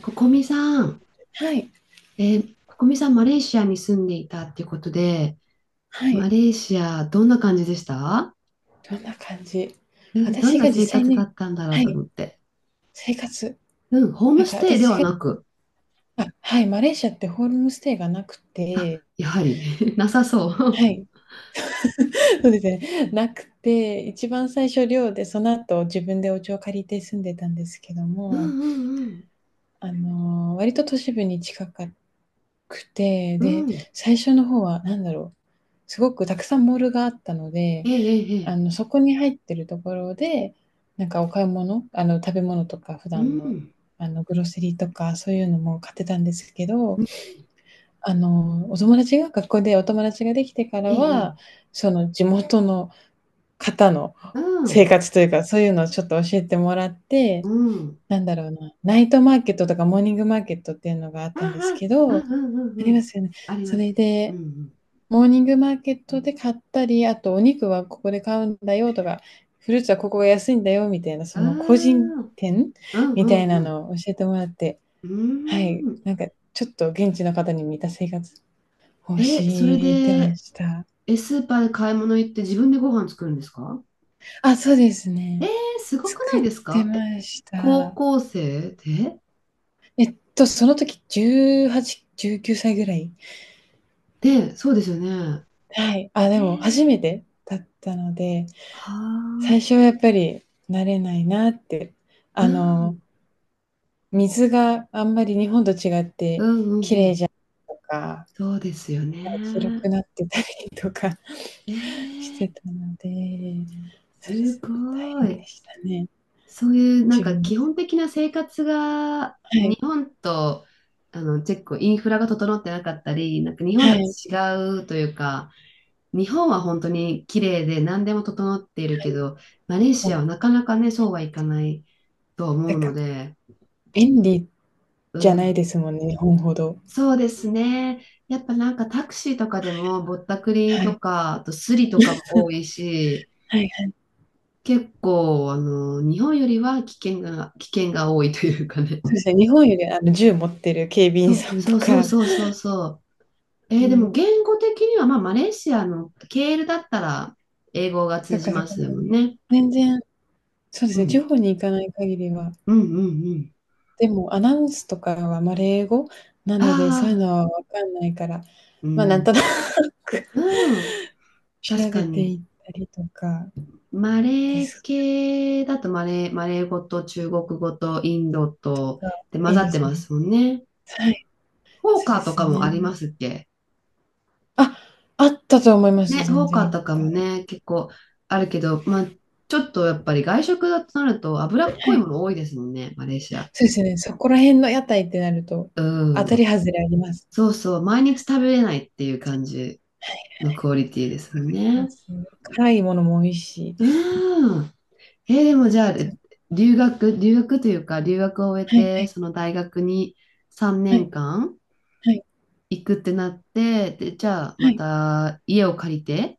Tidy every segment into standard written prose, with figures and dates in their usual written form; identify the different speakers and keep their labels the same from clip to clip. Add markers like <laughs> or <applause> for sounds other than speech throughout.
Speaker 1: ここみさん、
Speaker 2: はい、
Speaker 1: ここみさん、マレーシアに住んでいたっていうことで、
Speaker 2: は
Speaker 1: マ
Speaker 2: い。
Speaker 1: レーシア、どんな感じでした？
Speaker 2: どんな感じ。
Speaker 1: うん、どん
Speaker 2: 私
Speaker 1: な
Speaker 2: が実
Speaker 1: 生
Speaker 2: 際
Speaker 1: 活だ
Speaker 2: に、
Speaker 1: ったんだろう
Speaker 2: は
Speaker 1: と
Speaker 2: い、
Speaker 1: 思って。
Speaker 2: 生活、
Speaker 1: うん、ホー
Speaker 2: な
Speaker 1: ム
Speaker 2: んか
Speaker 1: ステイで
Speaker 2: 私
Speaker 1: は
Speaker 2: が、
Speaker 1: なく、
Speaker 2: あ、はい、マレーシアってホームステイがなく
Speaker 1: あ、
Speaker 2: て、
Speaker 1: やはり、<laughs> なさそ
Speaker 2: は
Speaker 1: う。
Speaker 2: い、そうですね、なくて、一番最初寮で、その後自分でお家を借りて住んでたんですけど
Speaker 1: <laughs> う
Speaker 2: も、
Speaker 1: んうん
Speaker 2: 割と都市部に近かくて、
Speaker 1: うん。
Speaker 2: で、
Speaker 1: うん。
Speaker 2: 最初の方は何だろう、すごくたくさんモールがあったので、
Speaker 1: ええええ。ええ
Speaker 2: そこに入ってるところで、なんかお買い物、食べ物とか普
Speaker 1: う
Speaker 2: 段の、
Speaker 1: ん。
Speaker 2: グロセリーとかそういうのも買ってたんですけど、
Speaker 1: うん
Speaker 2: お友達が学校でお友達ができてから
Speaker 1: ええ
Speaker 2: は、
Speaker 1: ええ
Speaker 2: その地元の方の
Speaker 1: う
Speaker 2: 生
Speaker 1: ん。
Speaker 2: 活というか、そういうのをちょっと教えてもらっ
Speaker 1: う
Speaker 2: て、
Speaker 1: ん。
Speaker 2: なんだろうな、ナイトマーケットとかモーニングマーケットっていうのがあっ
Speaker 1: あ
Speaker 2: たんです
Speaker 1: あ、
Speaker 2: け
Speaker 1: う
Speaker 2: ど、
Speaker 1: ん
Speaker 2: あ
Speaker 1: うんうんう
Speaker 2: りま
Speaker 1: ん。
Speaker 2: すよね。
Speaker 1: あり
Speaker 2: そ
Speaker 1: ます
Speaker 2: れ
Speaker 1: ね。う
Speaker 2: で
Speaker 1: ん
Speaker 2: モーニングマーケットで買ったり、あとお肉はここで買うんだよとか、フルーツはここが安いんだよみたいな、
Speaker 1: う
Speaker 2: その個人
Speaker 1: ん。ああ、
Speaker 2: 店
Speaker 1: うん
Speaker 2: み
Speaker 1: う
Speaker 2: たいな
Speaker 1: んうん。
Speaker 2: のを教えてもらって、
Speaker 1: う
Speaker 2: は
Speaker 1: ー
Speaker 2: い、
Speaker 1: ん。
Speaker 2: なんかちょっと現地の方に似た生活を
Speaker 1: え、それ
Speaker 2: してま
Speaker 1: で、
Speaker 2: した。
Speaker 1: え、スーパーで買い物行って自分でご飯作るんですか？
Speaker 2: あ、そうです
Speaker 1: えー、
Speaker 2: ね。
Speaker 1: すごくな
Speaker 2: 作
Speaker 1: い
Speaker 2: っ
Speaker 1: です
Speaker 2: て
Speaker 1: か？え、
Speaker 2: まし
Speaker 1: 高
Speaker 2: た。
Speaker 1: 校生で？
Speaker 2: その時18、19歳ぐらい。
Speaker 1: で、そうですよね。
Speaker 2: はい。あ、
Speaker 1: え
Speaker 2: でも初
Speaker 1: ー、
Speaker 2: めてだったので、
Speaker 1: はあ、
Speaker 2: 最初はやっぱり慣れないなって。
Speaker 1: う
Speaker 2: あ
Speaker 1: ん、
Speaker 2: の、水があんまり日本と違っ
Speaker 1: う
Speaker 2: て
Speaker 1: ん、うん、うん。
Speaker 2: とか、
Speaker 1: そうですよ
Speaker 2: 広
Speaker 1: ね。
Speaker 2: くなってたりとか
Speaker 1: え
Speaker 2: <laughs> し
Speaker 1: ー、
Speaker 2: てたので、そうで
Speaker 1: す
Speaker 2: すね、大
Speaker 1: ご
Speaker 2: 変で
Speaker 1: い。
Speaker 2: したね、
Speaker 1: そういう、なん
Speaker 2: 自
Speaker 1: か
Speaker 2: 分
Speaker 1: 基
Speaker 2: で。
Speaker 1: 本的な生活が、
Speaker 2: は
Speaker 1: 日
Speaker 2: い、
Speaker 1: 本と、チェック、インフラが整ってなかったり、なんか日本
Speaker 2: は
Speaker 1: と
Speaker 2: い、はい。
Speaker 1: 違うというか、日本は本当に綺麗で何でも整っているけど、マレー
Speaker 2: も
Speaker 1: シア
Speaker 2: う、
Speaker 1: はなかなかね、そうはいかないとは思
Speaker 2: なん
Speaker 1: うの
Speaker 2: か、
Speaker 1: で、
Speaker 2: 便利
Speaker 1: う
Speaker 2: じゃない
Speaker 1: ん、
Speaker 2: ですもんね、日本ほど。
Speaker 1: そうですね。やっぱなんかタクシーとかでもぼったくり
Speaker 2: は
Speaker 1: と
Speaker 2: い、
Speaker 1: か、あとスリとかも多いし、
Speaker 2: はいはい。
Speaker 1: 結構日本よりは危険が多いというかね。
Speaker 2: そうですね、日本よりあの銃持ってる警備
Speaker 1: そ
Speaker 2: 員
Speaker 1: う
Speaker 2: さん
Speaker 1: そ
Speaker 2: と
Speaker 1: うそう
Speaker 2: か
Speaker 1: そうそうそう。でも
Speaker 2: に、
Speaker 1: 言語的には、まあ、マレーシアのケールだったら英語が
Speaker 2: と
Speaker 1: 通じ
Speaker 2: かそ
Speaker 1: ま
Speaker 2: こら
Speaker 1: すもん
Speaker 2: 辺、
Speaker 1: ね。
Speaker 2: 全然、そうで
Speaker 1: う
Speaker 2: すね、地
Speaker 1: ん。
Speaker 2: 方に行かない限りは、
Speaker 1: うんうん
Speaker 2: でもアナウンスとかは、
Speaker 1: う
Speaker 2: 英語な
Speaker 1: ん。
Speaker 2: ので、そういう
Speaker 1: ああ、
Speaker 2: のはわかんないから、
Speaker 1: う
Speaker 2: なんと
Speaker 1: ん。
Speaker 2: なく <laughs>
Speaker 1: うん。確
Speaker 2: 調べ
Speaker 1: か
Speaker 2: てい
Speaker 1: に。
Speaker 2: ったりとか
Speaker 1: マ
Speaker 2: で
Speaker 1: レー
Speaker 2: す
Speaker 1: 系だとマレー語と中国語とインドと
Speaker 2: が、
Speaker 1: で混
Speaker 2: い
Speaker 1: ざ
Speaker 2: い
Speaker 1: っ
Speaker 2: で
Speaker 1: て
Speaker 2: す
Speaker 1: ま
Speaker 2: ね。
Speaker 1: すもんね。
Speaker 2: はい、
Speaker 1: フォー
Speaker 2: そう
Speaker 1: カ
Speaker 2: で
Speaker 1: ーと
Speaker 2: す
Speaker 1: かも
Speaker 2: ね。
Speaker 1: ありますっけ？
Speaker 2: あ、あったと思います、
Speaker 1: ね、フ
Speaker 2: 全
Speaker 1: ォーカ
Speaker 2: 然い
Speaker 1: ー
Speaker 2: っ
Speaker 1: とか
Speaker 2: ぱ
Speaker 1: も
Speaker 2: い。
Speaker 1: ね、結構あるけど、まあ、ちょっとやっぱり外食だとなると脂
Speaker 2: は
Speaker 1: っこい
Speaker 2: い。
Speaker 1: もの多いですもんね、マレーシア。
Speaker 2: そうですね、そこら辺の屋台ってなると、当
Speaker 1: う
Speaker 2: たり
Speaker 1: ん。
Speaker 2: 外れあります。
Speaker 1: そうそう、毎日食べれないっていう感じのクオリティです
Speaker 2: わ
Speaker 1: も
Speaker 2: か
Speaker 1: ん
Speaker 2: りま
Speaker 1: ね。
Speaker 2: す。辛いものも美味しい。
Speaker 1: うん。でもじゃあ、
Speaker 2: た、
Speaker 1: 留学というか、留学を終え
Speaker 2: はいは
Speaker 1: て、
Speaker 2: い
Speaker 1: その大学に3
Speaker 2: は
Speaker 1: 年
Speaker 2: い
Speaker 1: 間
Speaker 2: はい
Speaker 1: 行くってなって、で、じゃあ、
Speaker 2: は
Speaker 1: ま
Speaker 2: い。
Speaker 1: た家を借りて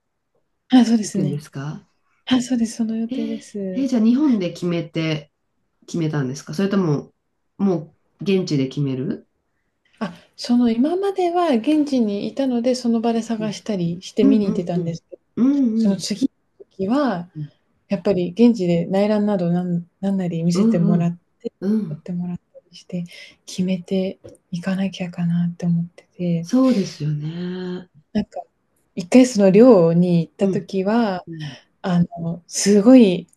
Speaker 2: あ、そうで
Speaker 1: 行
Speaker 2: す
Speaker 1: くんで
Speaker 2: ね。
Speaker 1: すか？
Speaker 2: あ、そうです、その予
Speaker 1: え
Speaker 2: 定で
Speaker 1: ー、
Speaker 2: す。
Speaker 1: じゃあ、日本で決めたんですか？それとも、もう、現地で決める？
Speaker 2: あ、その今までは現地にいたので、その場で
Speaker 1: うん
Speaker 2: 探したりして
Speaker 1: う
Speaker 2: 見
Speaker 1: ん
Speaker 2: に行ってた
Speaker 1: う
Speaker 2: んで
Speaker 1: ん。
Speaker 2: すけど、
Speaker 1: うん
Speaker 2: そ
Speaker 1: う
Speaker 2: の
Speaker 1: ん
Speaker 2: 次の時は、
Speaker 1: うん。
Speaker 2: やっぱり現地で内覧などなんなんなり見せ
Speaker 1: う
Speaker 2: ても
Speaker 1: んう
Speaker 2: ら
Speaker 1: ん。
Speaker 2: っ、
Speaker 1: う
Speaker 2: 撮っ
Speaker 1: ん。
Speaker 2: てもらったりして、決めていかなきゃかなって思ってて、
Speaker 1: そうですよね。
Speaker 2: なんか、1回その寮に行っ
Speaker 1: う
Speaker 2: た
Speaker 1: ん。
Speaker 2: 時は、
Speaker 1: うん。
Speaker 2: すごい、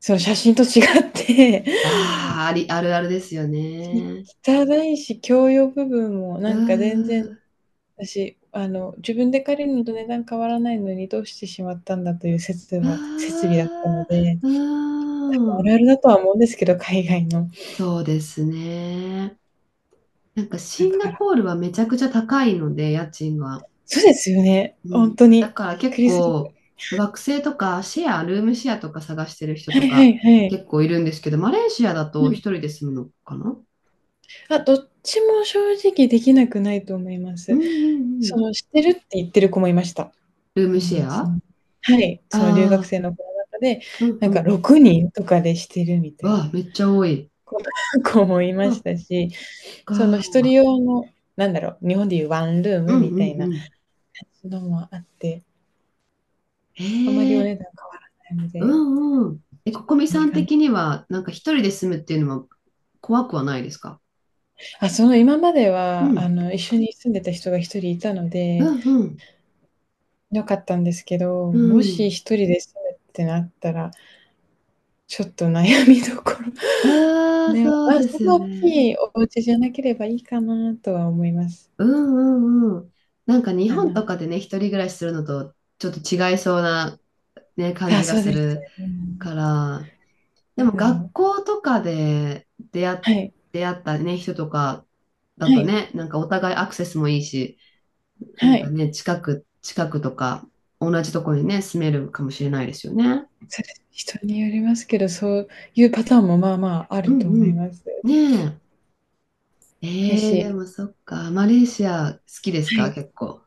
Speaker 2: その写真と違って、
Speaker 1: ああ、あるあるですよね。
Speaker 2: 汚いし、共用部分も
Speaker 1: う
Speaker 2: なんか全然
Speaker 1: ー
Speaker 2: 私、自分で借りるのと値段変わらないのにどうしてしまったんだという説は設
Speaker 1: あ
Speaker 2: 備だったので、
Speaker 1: ーうー
Speaker 2: 多分ある
Speaker 1: ん。
Speaker 2: あるだとは思うんですけど、海外の。
Speaker 1: そうですね。なんか
Speaker 2: だ
Speaker 1: シン
Speaker 2: か
Speaker 1: ガ
Speaker 2: ら、
Speaker 1: ポールはめちゃくちゃ高いので、家賃が。
Speaker 2: そうですよね、
Speaker 1: う
Speaker 2: ほ
Speaker 1: ん。
Speaker 2: んと
Speaker 1: だ
Speaker 2: に。
Speaker 1: から
Speaker 2: びっ
Speaker 1: 結
Speaker 2: くりするぐら
Speaker 1: 構、
Speaker 2: い。
Speaker 1: 学生とかシェア、ルームシェアとか探してる人
Speaker 2: はい
Speaker 1: と
Speaker 2: は
Speaker 1: か
Speaker 2: いはい。
Speaker 1: 結構いるんですけど、マレーシアだ
Speaker 2: う
Speaker 1: と一
Speaker 2: ん。
Speaker 1: 人で住むのかな？
Speaker 2: あ、どっちも正直できなくないと思いま
Speaker 1: うん
Speaker 2: す。
Speaker 1: うんう
Speaker 2: そ
Speaker 1: ん。
Speaker 2: の、してるって言ってる子もいました、
Speaker 1: ルームシ
Speaker 2: 友
Speaker 1: ェ
Speaker 2: 達
Speaker 1: ア
Speaker 2: の。はい、
Speaker 1: あ
Speaker 2: その留学
Speaker 1: あ
Speaker 2: 生の子の中で、
Speaker 1: ー、うん
Speaker 2: なん
Speaker 1: う
Speaker 2: か
Speaker 1: ん。
Speaker 2: 6人とかでしてるみたい
Speaker 1: わあ、
Speaker 2: な
Speaker 1: めっちゃ多い。
Speaker 2: 子 <laughs> 子もいま
Speaker 1: そ
Speaker 2: し
Speaker 1: っ
Speaker 2: たし、その
Speaker 1: か。
Speaker 2: 一人用の、なんだろう、日本でいうワンルー
Speaker 1: う
Speaker 2: ム
Speaker 1: ん
Speaker 2: み
Speaker 1: う
Speaker 2: た
Speaker 1: ん
Speaker 2: いな
Speaker 1: うん。
Speaker 2: のもあって、
Speaker 1: へ
Speaker 2: あまりお
Speaker 1: え、
Speaker 2: 値段変わらないの
Speaker 1: う
Speaker 2: で、
Speaker 1: んうん。え、
Speaker 2: ち
Speaker 1: こ
Speaker 2: ょ
Speaker 1: こ
Speaker 2: っ
Speaker 1: み
Speaker 2: とい
Speaker 1: さ
Speaker 2: い
Speaker 1: ん
Speaker 2: かな。
Speaker 1: 的には、なんか一人で住むっていうのは怖くはないですか？
Speaker 2: あ、その今まで
Speaker 1: う
Speaker 2: は、
Speaker 1: ん
Speaker 2: 一緒に住んでた人が一人いたの
Speaker 1: う
Speaker 2: で、
Speaker 1: んうん
Speaker 2: 良かったんですけど、
Speaker 1: う
Speaker 2: もし
Speaker 1: ん。
Speaker 2: 一人で住むってなったら、ちょっと悩みどころ。
Speaker 1: ああ、
Speaker 2: で、ま
Speaker 1: そう
Speaker 2: あ、
Speaker 1: で
Speaker 2: そん
Speaker 1: すよ
Speaker 2: な大
Speaker 1: ね。
Speaker 2: きいお家じゃなければいいかなとは思います。
Speaker 1: うんうんうん。なんか日
Speaker 2: あ
Speaker 1: 本
Speaker 2: の、
Speaker 1: とかでね、一人暮らしするのとちょっと違いそうな、ね、感
Speaker 2: あ、
Speaker 1: じが
Speaker 2: そう
Speaker 1: す
Speaker 2: です。
Speaker 1: る
Speaker 2: うん、
Speaker 1: から、で
Speaker 2: な
Speaker 1: も
Speaker 2: んだろ
Speaker 1: 学
Speaker 2: う。
Speaker 1: 校とかで出会っ、
Speaker 2: はい、
Speaker 1: 出会ったね、人とかだ
Speaker 2: は
Speaker 1: と
Speaker 2: い、
Speaker 1: ね、なんかお互いアクセスもいいし、な
Speaker 2: は
Speaker 1: んか
Speaker 2: い。
Speaker 1: ね、近くとか同じとこにね、住めるかもしれないですよね。
Speaker 2: それ、人によりますけど、そういうパターンもまあまああ
Speaker 1: う
Speaker 2: る
Speaker 1: ん
Speaker 2: と思
Speaker 1: う
Speaker 2: い
Speaker 1: ん
Speaker 2: ます。
Speaker 1: ねえ。
Speaker 2: や
Speaker 1: ええで
Speaker 2: し、
Speaker 1: もそっか。マレーシア好きです
Speaker 2: は
Speaker 1: か？
Speaker 2: い。
Speaker 1: 結構。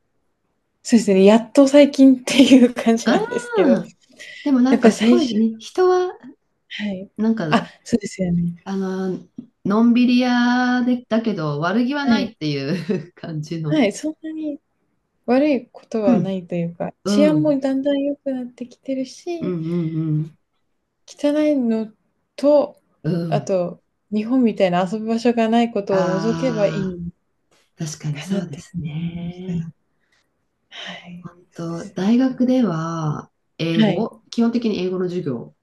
Speaker 2: そうですね、やっと最近っていう感じな
Speaker 1: あ
Speaker 2: んですけど、
Speaker 1: あ、でもな
Speaker 2: や
Speaker 1: ん
Speaker 2: っぱ
Speaker 1: か
Speaker 2: り
Speaker 1: す
Speaker 2: 最
Speaker 1: ご
Speaker 2: 初、
Speaker 1: いね、人は、
Speaker 2: はい。
Speaker 1: なんか、
Speaker 2: あ、そうですよね。
Speaker 1: あの、のんびり屋で、だけど悪気は
Speaker 2: は
Speaker 1: な
Speaker 2: い。
Speaker 1: いっていう <laughs> 感じの。
Speaker 2: はい、そんなに悪いこと
Speaker 1: う
Speaker 2: は
Speaker 1: ん、
Speaker 2: ないというか、治
Speaker 1: う
Speaker 2: 安
Speaker 1: ん、
Speaker 2: もだんだん良くなってきてる
Speaker 1: うん、
Speaker 2: し、
Speaker 1: うん、うん。
Speaker 2: 汚いのと、
Speaker 1: う
Speaker 2: あ
Speaker 1: ん
Speaker 2: と、日本みたいな遊ぶ場所がないことを除けばい
Speaker 1: ああ、
Speaker 2: い
Speaker 1: 確かに
Speaker 2: か
Speaker 1: そ
Speaker 2: なっ
Speaker 1: うで
Speaker 2: ていう
Speaker 1: す
Speaker 2: 風に思いまし
Speaker 1: ね。
Speaker 2: た。はい、
Speaker 1: 本
Speaker 2: そうで
Speaker 1: 当、
Speaker 2: す。
Speaker 1: 大学では英
Speaker 2: はい。
Speaker 1: 語、基本的に英語の授業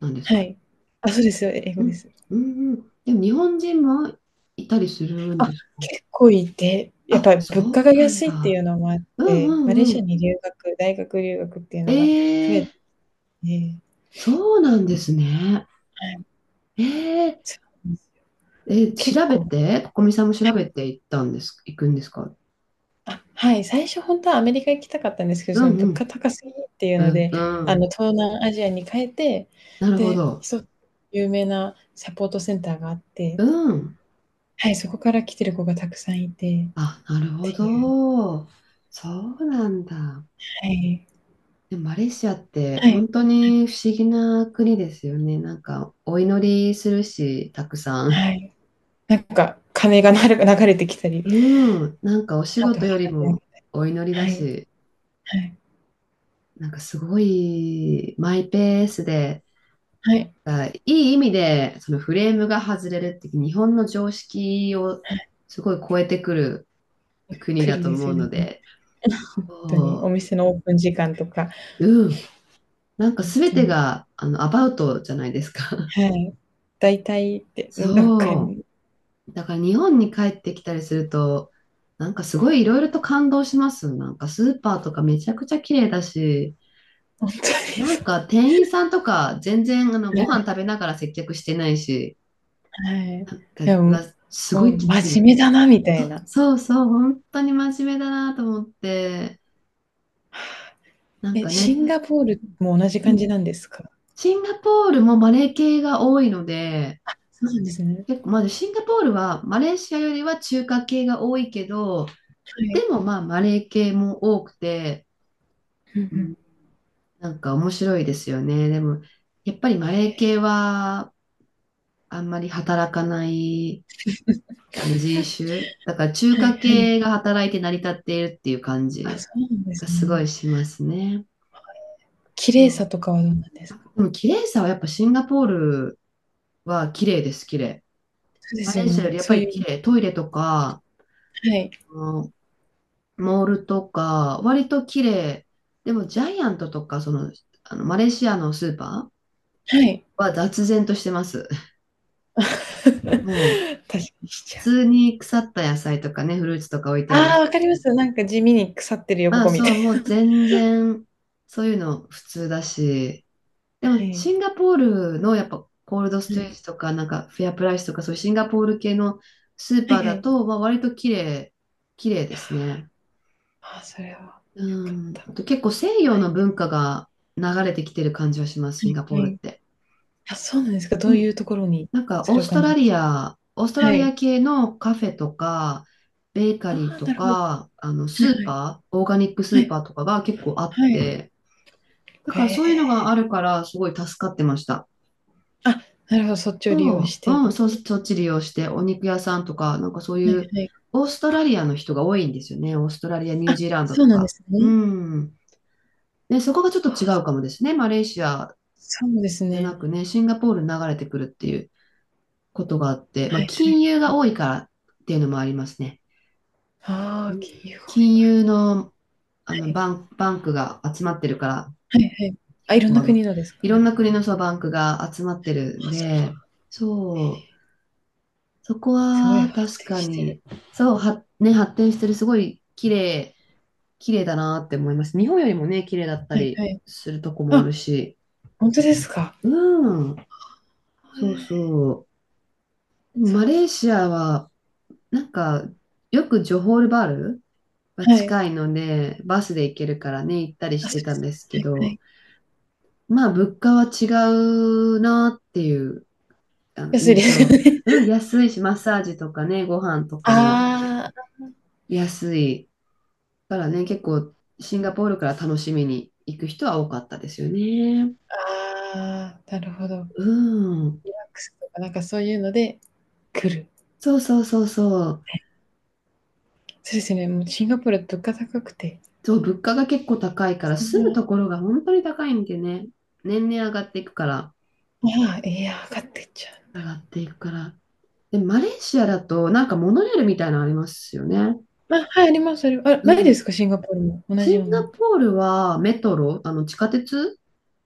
Speaker 1: なんです
Speaker 2: は
Speaker 1: かね？
Speaker 2: い。あ、そうですよ、英
Speaker 1: う
Speaker 2: 語で
Speaker 1: ん、
Speaker 2: す。
Speaker 1: うん、うん。でも日本人もいたりするん
Speaker 2: あ、
Speaker 1: ですかね？
Speaker 2: 結構いて、やっ
Speaker 1: あ、
Speaker 2: ぱり物
Speaker 1: そ
Speaker 2: 価
Speaker 1: う
Speaker 2: が
Speaker 1: なん
Speaker 2: 安いってい
Speaker 1: だ。
Speaker 2: うのもあっ
Speaker 1: う
Speaker 2: て、
Speaker 1: ん
Speaker 2: マレ
Speaker 1: う
Speaker 2: ー
Speaker 1: んう
Speaker 2: シア
Speaker 1: ん。
Speaker 2: に留学大学留学っていう
Speaker 1: え
Speaker 2: のが増え
Speaker 1: え
Speaker 2: て、
Speaker 1: そうなんですね。
Speaker 2: はい、
Speaker 1: ええ
Speaker 2: そうなんですよ。
Speaker 1: え、
Speaker 2: 結
Speaker 1: 調べ
Speaker 2: 構、
Speaker 1: て、ここみさんも調
Speaker 2: はい。
Speaker 1: べて行ったんです、行くんですか？
Speaker 2: あ、はい、最初ほんとはアメリカ行きたかったんですけど、
Speaker 1: う
Speaker 2: その
Speaker 1: んう
Speaker 2: 物価
Speaker 1: ん。
Speaker 2: 高すぎっていうの
Speaker 1: うん、
Speaker 2: で、
Speaker 1: うん。
Speaker 2: 東南アジアに変えて、
Speaker 1: なるほ
Speaker 2: で、
Speaker 1: ど。
Speaker 2: 有名なサポートセンターがあって、
Speaker 1: うん。
Speaker 2: はい、そこから来てる子がたくさんいてっ
Speaker 1: あ、なるほ
Speaker 2: ていう、
Speaker 1: ど。そうなんだ。
Speaker 2: はい。
Speaker 1: でもマレーシアって
Speaker 2: はい、
Speaker 1: 本当に不思議な国ですよね。なんか、お祈りするし、たくさん。
Speaker 2: はい。なんか鐘が流れてきたり、
Speaker 1: うん。なんかお仕
Speaker 2: あと
Speaker 1: 事
Speaker 2: 花
Speaker 1: より
Speaker 2: 火、
Speaker 1: もお祈り
Speaker 2: は
Speaker 1: だ
Speaker 2: い
Speaker 1: し。
Speaker 2: はい
Speaker 1: なんかすごいマイペースで、
Speaker 2: はい。
Speaker 1: あ、いい意味でそのフレームが外れるって日本の常識をすごい超えてくる国だ
Speaker 2: 栗
Speaker 1: と
Speaker 2: です
Speaker 1: 思う
Speaker 2: よね、
Speaker 1: の
Speaker 2: 本
Speaker 1: で、
Speaker 2: 当に。お
Speaker 1: そ
Speaker 2: 店のオープン時間とか、
Speaker 1: う、うん、なんか
Speaker 2: 本
Speaker 1: 全
Speaker 2: 当
Speaker 1: て
Speaker 2: に。
Speaker 1: がアバウトじゃないですか。
Speaker 2: はい。大体っ
Speaker 1: <laughs>
Speaker 2: て、どっか
Speaker 1: そ
Speaker 2: に、
Speaker 1: う。だから日本に帰ってきたりすると、なんかすごいいろいろと感動します。なんかスーパーとかめちゃくちゃ綺麗だし、
Speaker 2: 本当に
Speaker 1: なん
Speaker 2: そ
Speaker 1: か店員さんとか全然
Speaker 2: う。
Speaker 1: ご
Speaker 2: は
Speaker 1: 飯食べながら接客してないし、
Speaker 2: いは
Speaker 1: な
Speaker 2: い。
Speaker 1: ん
Speaker 2: で
Speaker 1: か、わ
Speaker 2: も、
Speaker 1: すご
Speaker 2: もう
Speaker 1: いきっちり
Speaker 2: 真
Speaker 1: し
Speaker 2: 面目だなみたい
Speaker 1: た。
Speaker 2: な。
Speaker 1: そうそう、本当に真面目だなと思って、なん
Speaker 2: え、
Speaker 1: か
Speaker 2: シ
Speaker 1: ね、
Speaker 2: ンガポールも同じ
Speaker 1: う
Speaker 2: 感
Speaker 1: ん。
Speaker 2: じなんですか？
Speaker 1: シンガポールもマレー系が多いので、
Speaker 2: そうなんですね。
Speaker 1: 結構、まずシンガポールはマレーシアよりは中華系が多いけど、
Speaker 2: は
Speaker 1: で
Speaker 2: い。
Speaker 1: もまあマレー系も多くて、
Speaker 2: うん
Speaker 1: う
Speaker 2: う
Speaker 1: ん、
Speaker 2: ん。
Speaker 1: なんか面白いですよね。でも、やっぱりマレー系はあんまり働かないあの人種、だから中
Speaker 2: はい
Speaker 1: 華
Speaker 2: はい。
Speaker 1: 系が働いて成り立っているっていう感
Speaker 2: あ、
Speaker 1: じ
Speaker 2: そうなんです
Speaker 1: がすご
Speaker 2: ね。
Speaker 1: いしますね。
Speaker 2: 綺
Speaker 1: そ
Speaker 2: 麗さ
Speaker 1: う。
Speaker 2: とかはどうなんですか？
Speaker 1: でも綺麗さはやっぱシンガポールは綺麗です、綺麗。
Speaker 2: そうで
Speaker 1: マ
Speaker 2: す
Speaker 1: レ
Speaker 2: よ
Speaker 1: ーシアよ
Speaker 2: ね。
Speaker 1: りやっ
Speaker 2: そ
Speaker 1: ぱ
Speaker 2: ういう
Speaker 1: り
Speaker 2: 意
Speaker 1: 綺
Speaker 2: 味で、
Speaker 1: 麗。トイレとか、
Speaker 2: はい、
Speaker 1: うん。モールとか、割と綺麗。でもジャイアントとか、あのマレーシアのスーパー
Speaker 2: はい。
Speaker 1: は雑然としてます。<laughs>
Speaker 2: <laughs> 確
Speaker 1: もう、
Speaker 2: かにし
Speaker 1: 普
Speaker 2: ちゃ
Speaker 1: 通
Speaker 2: う。
Speaker 1: に腐った野菜とかね、フルーツとか置いてある
Speaker 2: ああ、
Speaker 1: し。
Speaker 2: わかります。なんか地味に腐ってるよ、
Speaker 1: ま
Speaker 2: こ
Speaker 1: あ
Speaker 2: こみた
Speaker 1: そ
Speaker 2: い
Speaker 1: う、もう全然、そういうの普通だし、で
Speaker 2: な。は
Speaker 1: も、
Speaker 2: い。
Speaker 1: シンガポールのやっぱコールドス
Speaker 2: は
Speaker 1: トレー
Speaker 2: い。
Speaker 1: ジとか、なんかフェアプライスとか、そういうシンガポール系のスー
Speaker 2: はい
Speaker 1: パー
Speaker 2: は
Speaker 1: だ
Speaker 2: い。
Speaker 1: と、まあ、割と綺麗、綺麗ですね。
Speaker 2: ああ、それは
Speaker 1: う
Speaker 2: 良かっ
Speaker 1: ん。
Speaker 2: た。
Speaker 1: あと結構西洋
Speaker 2: は
Speaker 1: の
Speaker 2: い
Speaker 1: 文化が流れてきてる感じはします、
Speaker 2: は
Speaker 1: シン
Speaker 2: い
Speaker 1: ガポ
Speaker 2: は
Speaker 1: ールっ
Speaker 2: い。
Speaker 1: て。
Speaker 2: あ、そうなんですか。ど
Speaker 1: う
Speaker 2: うい
Speaker 1: ん。
Speaker 2: うところに
Speaker 1: なんか
Speaker 2: それを感じます
Speaker 1: オースト
Speaker 2: か、
Speaker 1: ラ
Speaker 2: は
Speaker 1: リア
Speaker 2: い。
Speaker 1: 系のカフェとか、ベーカ
Speaker 2: あ
Speaker 1: リー
Speaker 2: あ、
Speaker 1: と
Speaker 2: なるほど。は
Speaker 1: か、ス
Speaker 2: い
Speaker 1: ー
Speaker 2: はい。
Speaker 1: パー、オーガニックス
Speaker 2: は
Speaker 1: ー
Speaker 2: い。
Speaker 1: パーとかが結構あっ
Speaker 2: はい。
Speaker 1: て、だ
Speaker 2: へ
Speaker 1: からそういうのがあ
Speaker 2: え。
Speaker 1: るから、すごい助かってました。
Speaker 2: あ、なるほど、そっちを利用し
Speaker 1: そう、
Speaker 2: て。
Speaker 1: うん、そっち利用して、お肉屋さんとか、なんかそう
Speaker 2: は
Speaker 1: い
Speaker 2: い
Speaker 1: う、
Speaker 2: はい。
Speaker 1: オーストラリアの人が多いんですよね。オーストラリア、ニュー
Speaker 2: あ、
Speaker 1: ジーランド
Speaker 2: そ
Speaker 1: と
Speaker 2: うなんで
Speaker 1: か。
Speaker 2: す
Speaker 1: う
Speaker 2: ね。
Speaker 1: ん。ね、そこがちょっと違
Speaker 2: ああ、
Speaker 1: うかもですね。マレーシア
Speaker 2: そうです
Speaker 1: じゃな
Speaker 2: ね。
Speaker 1: くね、シンガポールに流れてくるっていうことがあって、ま
Speaker 2: は
Speaker 1: あ、
Speaker 2: い。
Speaker 1: 金融が多いからっていうのもありますね。
Speaker 2: あ
Speaker 1: う
Speaker 2: あ、
Speaker 1: ん。
Speaker 2: 金融が多い
Speaker 1: 金
Speaker 2: から。
Speaker 1: 融の、バンクが集まってるから、
Speaker 2: はいはいはい。あ、いろん
Speaker 1: あ
Speaker 2: な
Speaker 1: の、
Speaker 2: 国のですか？
Speaker 1: いろ
Speaker 2: あ、
Speaker 1: んな国のそうバンクが集まってるん
Speaker 2: そう、
Speaker 1: で、そう、そこ
Speaker 2: すごい
Speaker 1: は
Speaker 2: 発
Speaker 1: 確
Speaker 2: 展
Speaker 1: か
Speaker 2: してる。
Speaker 1: に、そう、ね、発展してる、すごい綺麗、綺麗だなって思います。日本よりもね、綺麗だった
Speaker 2: はい
Speaker 1: り
Speaker 2: はい。
Speaker 1: するとこもある
Speaker 2: あ、
Speaker 1: し。
Speaker 2: 本当ですか。
Speaker 1: うん、
Speaker 2: は
Speaker 1: そう
Speaker 2: い。
Speaker 1: そう。でも
Speaker 2: そ
Speaker 1: マ
Speaker 2: う
Speaker 1: レー
Speaker 2: な、
Speaker 1: シアは、なんか、よくジョホールバールが
Speaker 2: はい。
Speaker 1: 近いので、バスで行けるからね、行ったり
Speaker 2: あ、
Speaker 1: し
Speaker 2: そ
Speaker 1: て
Speaker 2: うで
Speaker 1: たん
Speaker 2: す
Speaker 1: ですけ
Speaker 2: ね。はいは
Speaker 1: ど、
Speaker 2: い。
Speaker 1: まあ、物価は違うなっていう、
Speaker 2: 安いで
Speaker 1: 印
Speaker 2: すよ
Speaker 1: 象。
Speaker 2: ね。
Speaker 1: うん、
Speaker 2: <laughs>
Speaker 1: 安いし、マッサージとかね、ご飯とかも
Speaker 2: ああ、
Speaker 1: 安い。からね、結構シンガポールから楽しみに行く人は多かったですよね。
Speaker 2: ああ、なるほど。ワッ
Speaker 1: うん。
Speaker 2: クスとか、なんかそういうので来る。
Speaker 1: そうそうそうそう。
Speaker 2: そうですね、もうシンガポールは物価高くて、
Speaker 1: そう、物価が結構高いから、
Speaker 2: そん
Speaker 1: 住む
Speaker 2: な、
Speaker 1: ところが本当に高いんでね。年々上がっていくから、
Speaker 2: ああ、いや、上がってっちゃうん
Speaker 1: 上
Speaker 2: だ。
Speaker 1: がっていくから。で、マレーシアだと、なんかモノレールみたいなのありますよね。
Speaker 2: あ、はい、あります、ありますあ、ない
Speaker 1: う
Speaker 2: です
Speaker 1: ん。
Speaker 2: か、シンガポールも同
Speaker 1: シ
Speaker 2: じよ
Speaker 1: ン
Speaker 2: う
Speaker 1: ガ
Speaker 2: な。
Speaker 1: ポールはメトロ、あの地下鉄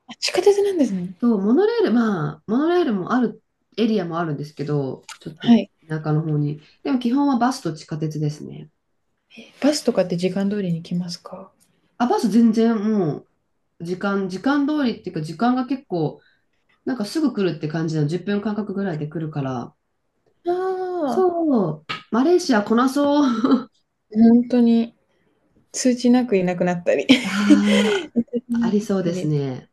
Speaker 2: あ、地下鉄なんですね。
Speaker 1: とモノレール、まあ、モノレールもある、エリアもあるんですけど、ちょっと
Speaker 2: はい。
Speaker 1: 田舎の方に。でも基本はバスと地下鉄ですね。
Speaker 2: バスとかって時間通りに来ますか？
Speaker 1: あ、バス全然もう時間通りっていうか時間が結構、なんかすぐ来るって感じなの、10分間隔ぐらいで来るから。
Speaker 2: ああ
Speaker 1: そう、マレーシアこなそう。
Speaker 2: ー、本当に。通知なくいなくなったり <laughs> 通
Speaker 1: <laughs> あ
Speaker 2: 知
Speaker 1: あ、
Speaker 2: な
Speaker 1: あり
Speaker 2: くな
Speaker 1: そ
Speaker 2: っ
Speaker 1: う
Speaker 2: た
Speaker 1: です
Speaker 2: り
Speaker 1: ね。